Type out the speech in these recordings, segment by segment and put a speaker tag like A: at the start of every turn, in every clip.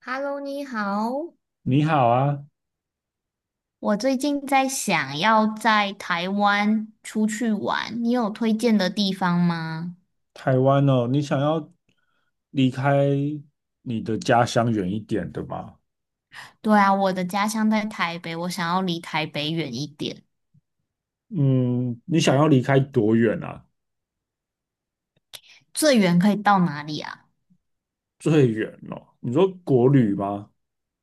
A: Hello，你好。
B: 你好啊，
A: 我最近在想要在台湾出去玩，你有推荐的地方吗？
B: 台湾哦，你想要离开你的家乡远一点的吗？
A: 对啊，我的家乡在台北，我想要离台北远一点。
B: 嗯，你想要离开多远啊？
A: 最远可以到哪里啊？
B: 最远哦，你说国旅吗？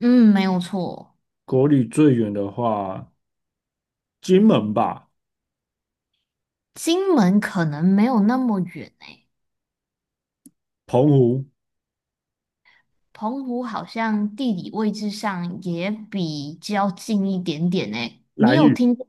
A: 嗯，没有错。
B: 国旅最远的话，金门吧，
A: 金门可能没有那么远诶，
B: 澎湖、
A: 澎湖好像地理位置上也比较近一点点诶。你
B: 兰
A: 有
B: 屿，
A: 听过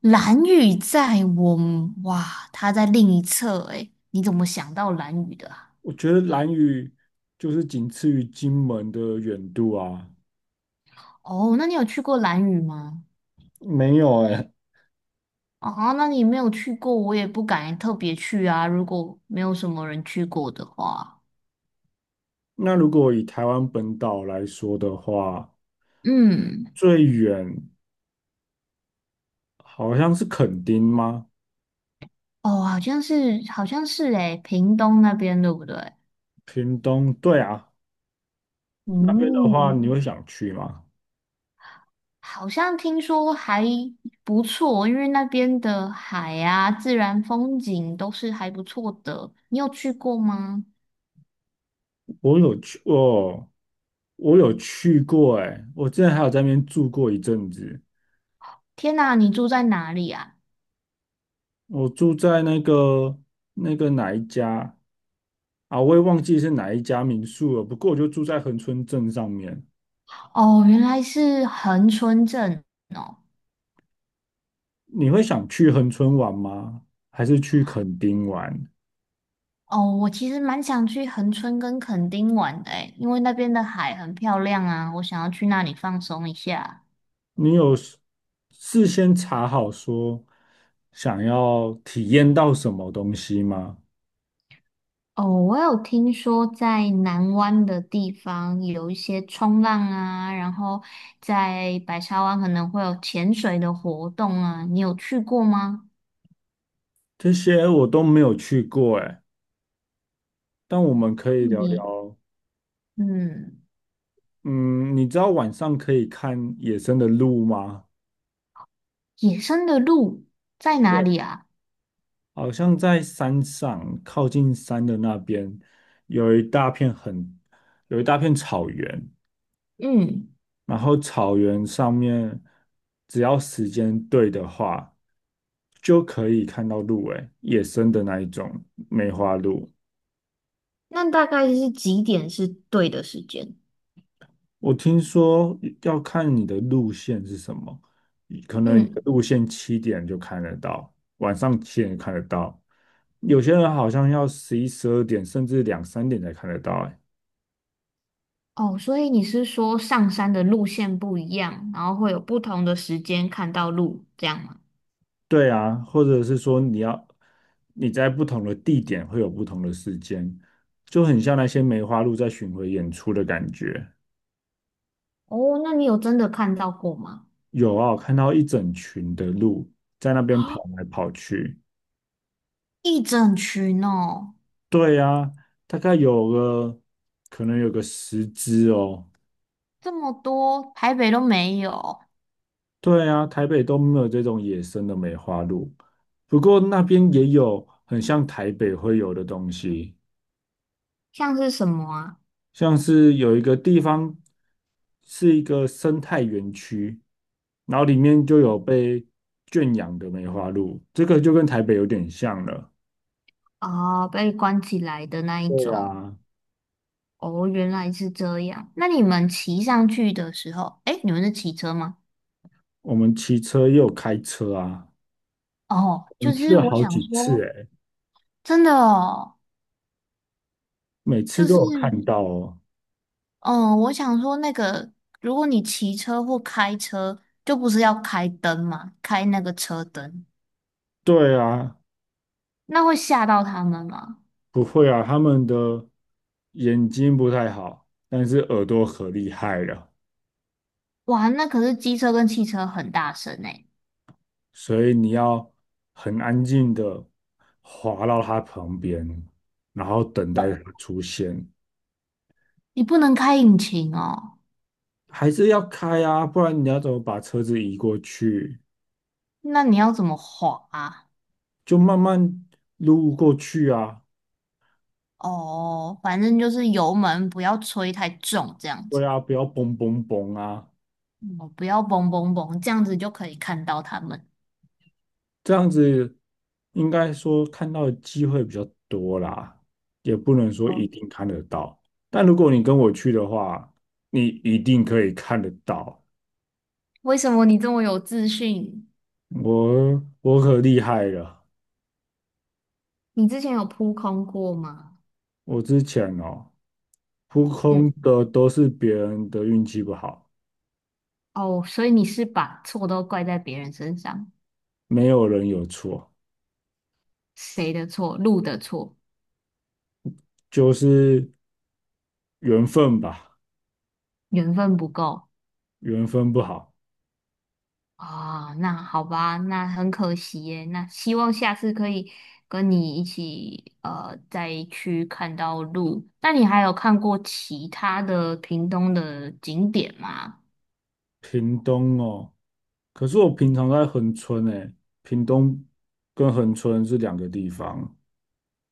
A: 兰屿在我们，哇，他在另一侧诶，你怎么想到兰屿的啊？
B: 我觉得兰屿就是仅次于金门的远度啊。
A: 哦，那你有去过兰屿吗？
B: 没有哎，
A: 啊，那你没有去过，我也不敢特别去啊。如果没有什么人去过的话，
B: 那如果以台湾本岛来说的话，
A: 嗯。
B: 最远好像是垦丁吗？
A: 哦，好像是，好像是诶，屏东那边对不对？
B: 屏东，对啊，那边的话，
A: 嗯，
B: 你会想去吗？
A: 好像听说还不错，因为那边的海啊、自然风景都是还不错的。你有去过吗？
B: 我有去，哦，我有去过、欸，哎，我之前还有在那边住过一阵子，
A: 天哪，你住在哪里啊？
B: 我住在那个哪一家啊，我也忘记是哪一家民宿了，不过我就住在恒春镇上面。
A: 哦，原来是恒春镇哦。
B: 你会想去恒春玩吗？还是去垦丁玩？
A: 哦，我其实蛮想去恒春跟垦丁玩的诶，因为那边的海很漂亮啊，我想要去那里放松一下。
B: 你有事先查好说想要体验到什么东西吗？
A: 哦，我有听说在南湾的地方有一些冲浪啊，然后在白沙湾可能会有潜水的活动啊，你有去过吗？
B: 这些我都没有去过哎，但我们可以聊
A: 你
B: 聊。
A: 嗯，
B: 嗯，你知道晚上可以看野生的鹿吗？
A: 野生的鹿在哪
B: 对，
A: 里啊？
B: 好像在山上，靠近山的那边有一大片很有一大片草原，
A: 嗯，
B: 然后草原上面只要时间对的话，就可以看到鹿哎，野生的那一种梅花鹿。
A: 那大概是几点是对的时间？
B: 我听说要看你的路线是什么，可能你的
A: 嗯。
B: 路线七点就看得到，晚上七点看得到，有些人好像要十一、十二点，甚至两三点才看得到。哎，
A: 哦，所以你是说上山的路线不一样，然后会有不同的时间看到鹿，这样吗？
B: 对啊，或者是说你在不同的地点会有不同的时间，就很像那些梅花鹿在巡回演出的感觉。
A: 哦，那你有真的看到过吗？
B: 有啊，我看到一整群的鹿在那 边跑
A: 啊，
B: 来跑去。
A: 一整群哦，
B: 对呀，大概有个可能有个十只哦。
A: 这么多，台北都没有。
B: 对啊，台北都没有这种野生的梅花鹿，不过那边也有很像台北会有的东西，
A: 像是什么啊？
B: 像是有一个地方是一个生态园区，然后里面就有被圈养的梅花鹿，这个就跟台北有点像了。
A: 啊，被关起来的那一
B: 对
A: 种。
B: 啊，
A: 哦，原来是这样。那你们骑上去的时候，诶，你们是骑车吗？
B: 我们骑车又有开车啊，
A: 哦，
B: 我
A: 就
B: 们去
A: 是
B: 了
A: 我
B: 好
A: 想
B: 几次
A: 说，
B: 诶，
A: 真的哦，
B: 每次
A: 就
B: 都
A: 是。
B: 有看到哦。
A: 嗯，我想说那个，如果你骑车或开车，就不是要开灯嘛，开那个车灯，
B: 对啊，
A: 那会吓到他们吗？
B: 不会啊，他们的眼睛不太好，但是耳朵可厉害了，
A: 哇，那可是机车跟汽车很大声诶。
B: 所以你要很安静的滑到它旁边，然后等待它出现，
A: 你不能开引擎哦？
B: 还是要开啊，不然你要怎么把车子移过去？
A: 那你要怎么滑啊？
B: 就慢慢撸过去啊，
A: 哦，反正就是油门不要吹太重，这样子。
B: 对啊，不要嘣嘣嘣啊。
A: 哦，不要嘣嘣嘣，这样子就可以看到他们。
B: 这样子应该说看到的机会比较多啦，也不能说一
A: 哦，
B: 定看得到。但如果你跟我去的话，你一定可以看得到。
A: 为什么你这么有自信？
B: 我可厉害了，
A: 你之前有扑空过吗？
B: 我之前哦，扑空的都是别人的运气不好，
A: 哦，所以你是把错都怪在别人身上。
B: 没有人有错，
A: 谁的错？路的错，
B: 就是缘分吧，
A: 缘分不够
B: 缘分不好。
A: 啊。那好吧，那很可惜耶。那希望下次可以跟你一起再去看到鹿。那你还有看过其他的屏东的景点吗？
B: 屏东哦，可是我平常在恒春诶，屏东跟恒春是两个地方。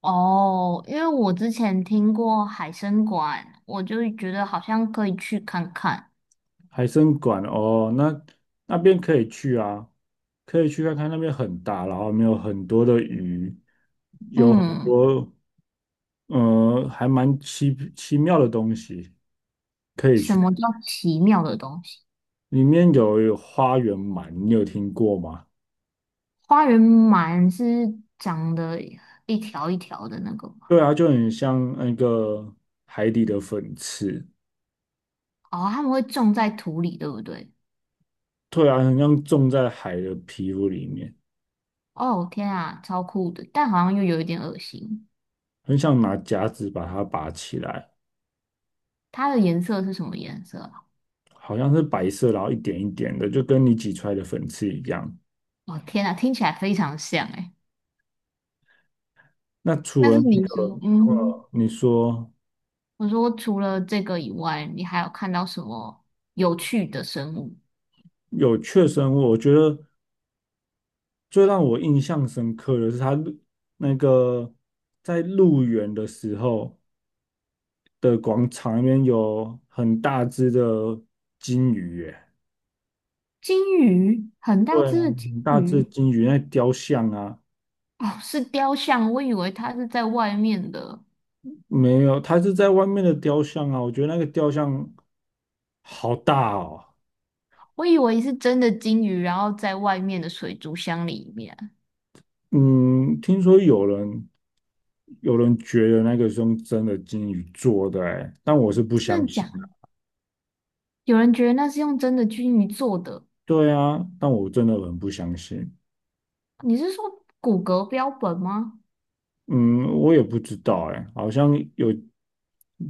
A: 哦，因为我之前听过海参馆，我就觉得好像可以去看看。
B: 海参馆哦，那边可以去啊，可以去看看，那边很大，然后没有很多的鱼，
A: 嗯，
B: 还蛮奇奇妙的东西可以
A: 什
B: 去。
A: 么叫奇妙的东西？
B: 里面有花园鳗，你有听过吗？
A: 花园满是长得一条一条的那个吗？
B: 对啊，就很像那个海底的粉刺，
A: 哦，他们会种在土里，对不对？
B: 对啊，很像种在海的皮肤里面，
A: 哦，天啊，超酷的，但好像又有一点恶心。
B: 很想拿夹子把它拔起来，
A: 它的颜色是什么颜色啊？
B: 好像是白色，然后一点一点的，就跟你挤出来的粉刺一样。
A: 哦，天啊，听起来非常像诶。
B: 那除
A: 但是
B: 了那
A: 你说，
B: 个，
A: 嗯，
B: 你说
A: 我说除了这个以外，你还有看到什么有趣的生物？
B: 有确生物，我觉得最让我印象深刻的是他入那个在入园的时候的广场里面有很大只的金鱼耶，
A: 金鱼，很大
B: 对
A: 只
B: 啊，
A: 的金
B: 很大只的
A: 鱼。
B: 金鱼，那雕像啊，
A: 哦，是雕像，我以为它是在外面的。
B: 没有，它是在外面的雕像啊，我觉得那个雕像好大哦，
A: 我以为是真的金鱼，然后在外面的水族箱里面。
B: 嗯，听说有人觉得那个是用真的金鱼做的、欸，但我是不
A: 真
B: 相
A: 的假
B: 信
A: 的？
B: 的。
A: 有人觉得那是用真的金鱼做的，
B: 对啊，但我真的很不相信。
A: 你是说骨骼标本吗？
B: 嗯，我也不知道、欸，哎，好像有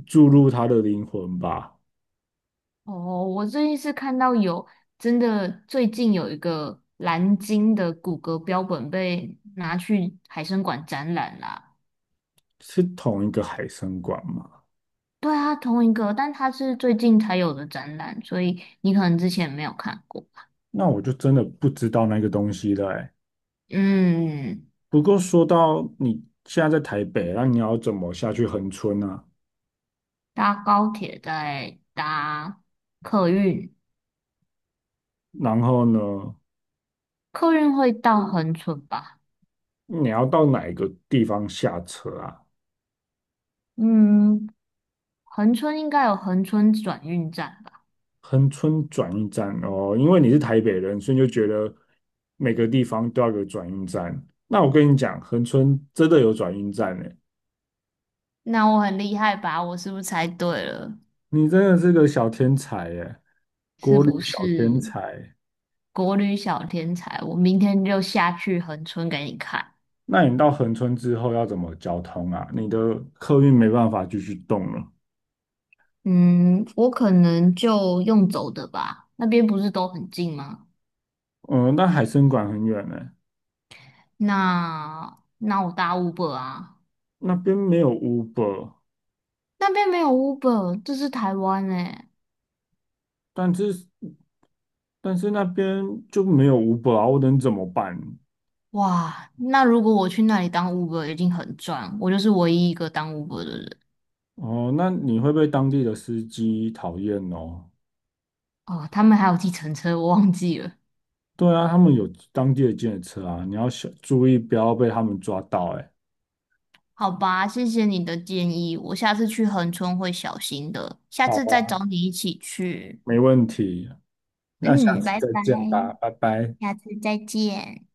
B: 注入它的灵魂吧？
A: 哦，我最近是看到有真的，最近有一个蓝鲸的骨骼标本被拿去海参馆展览啦。
B: 是同一个海参馆吗？
A: 对啊，同一个，但它是最近才有的展览，所以你可能之前没有看过。
B: 那我就真的不知道那个东西了、欸。
A: 嗯，
B: 不过说到你现在在台北，那你要怎么下去恒村啊？
A: 搭高铁再搭客运。
B: 然后呢，
A: 客运会到恒春吧？
B: 你要到哪一个地方下车啊？
A: 嗯，恒春应该有恒春转运站吧？
B: 恒春转运站哦，因为你是台北人，所以就觉得每个地方都要有转运站。那我跟你讲，恒春真的有转运站呢，
A: 那我很厉害吧？我是不是猜对了？
B: 你真的是个小天才耶，
A: 是
B: 国旅
A: 不
B: 小天
A: 是
B: 才。
A: 国旅小天才？我明天就下去恒春给你看。
B: 那你到恒春之后要怎么交通啊？你的客运没办法继续动了。
A: 嗯，我可能就用走的吧，那边不是都很近吗？
B: 嗯，那海参馆很远呢，
A: 那那我搭 Uber 啊，
B: 那边没有 Uber，
A: 那边没有 Uber，这是台湾诶。
B: 但是但是那边就没有 Uber 啊，我能怎么办？
A: 哇，那如果我去那里当 Uber 已经很赚，我就是唯一一个当 Uber 的人。
B: 哦，那你会被当地的司机讨厌哦？
A: 哦，他们还有计程车，我忘记了。
B: 对啊，他们有当地的检车啊，你要小注意，不要被他们抓到。哎，
A: 好吧，谢谢你的建议，我下次去恒春会小心的，下次
B: 好，
A: 再找你一起去。
B: 没问题，那下
A: 嗯，
B: 次
A: 拜
B: 再
A: 拜，
B: 见吧，拜拜。
A: 下次再见。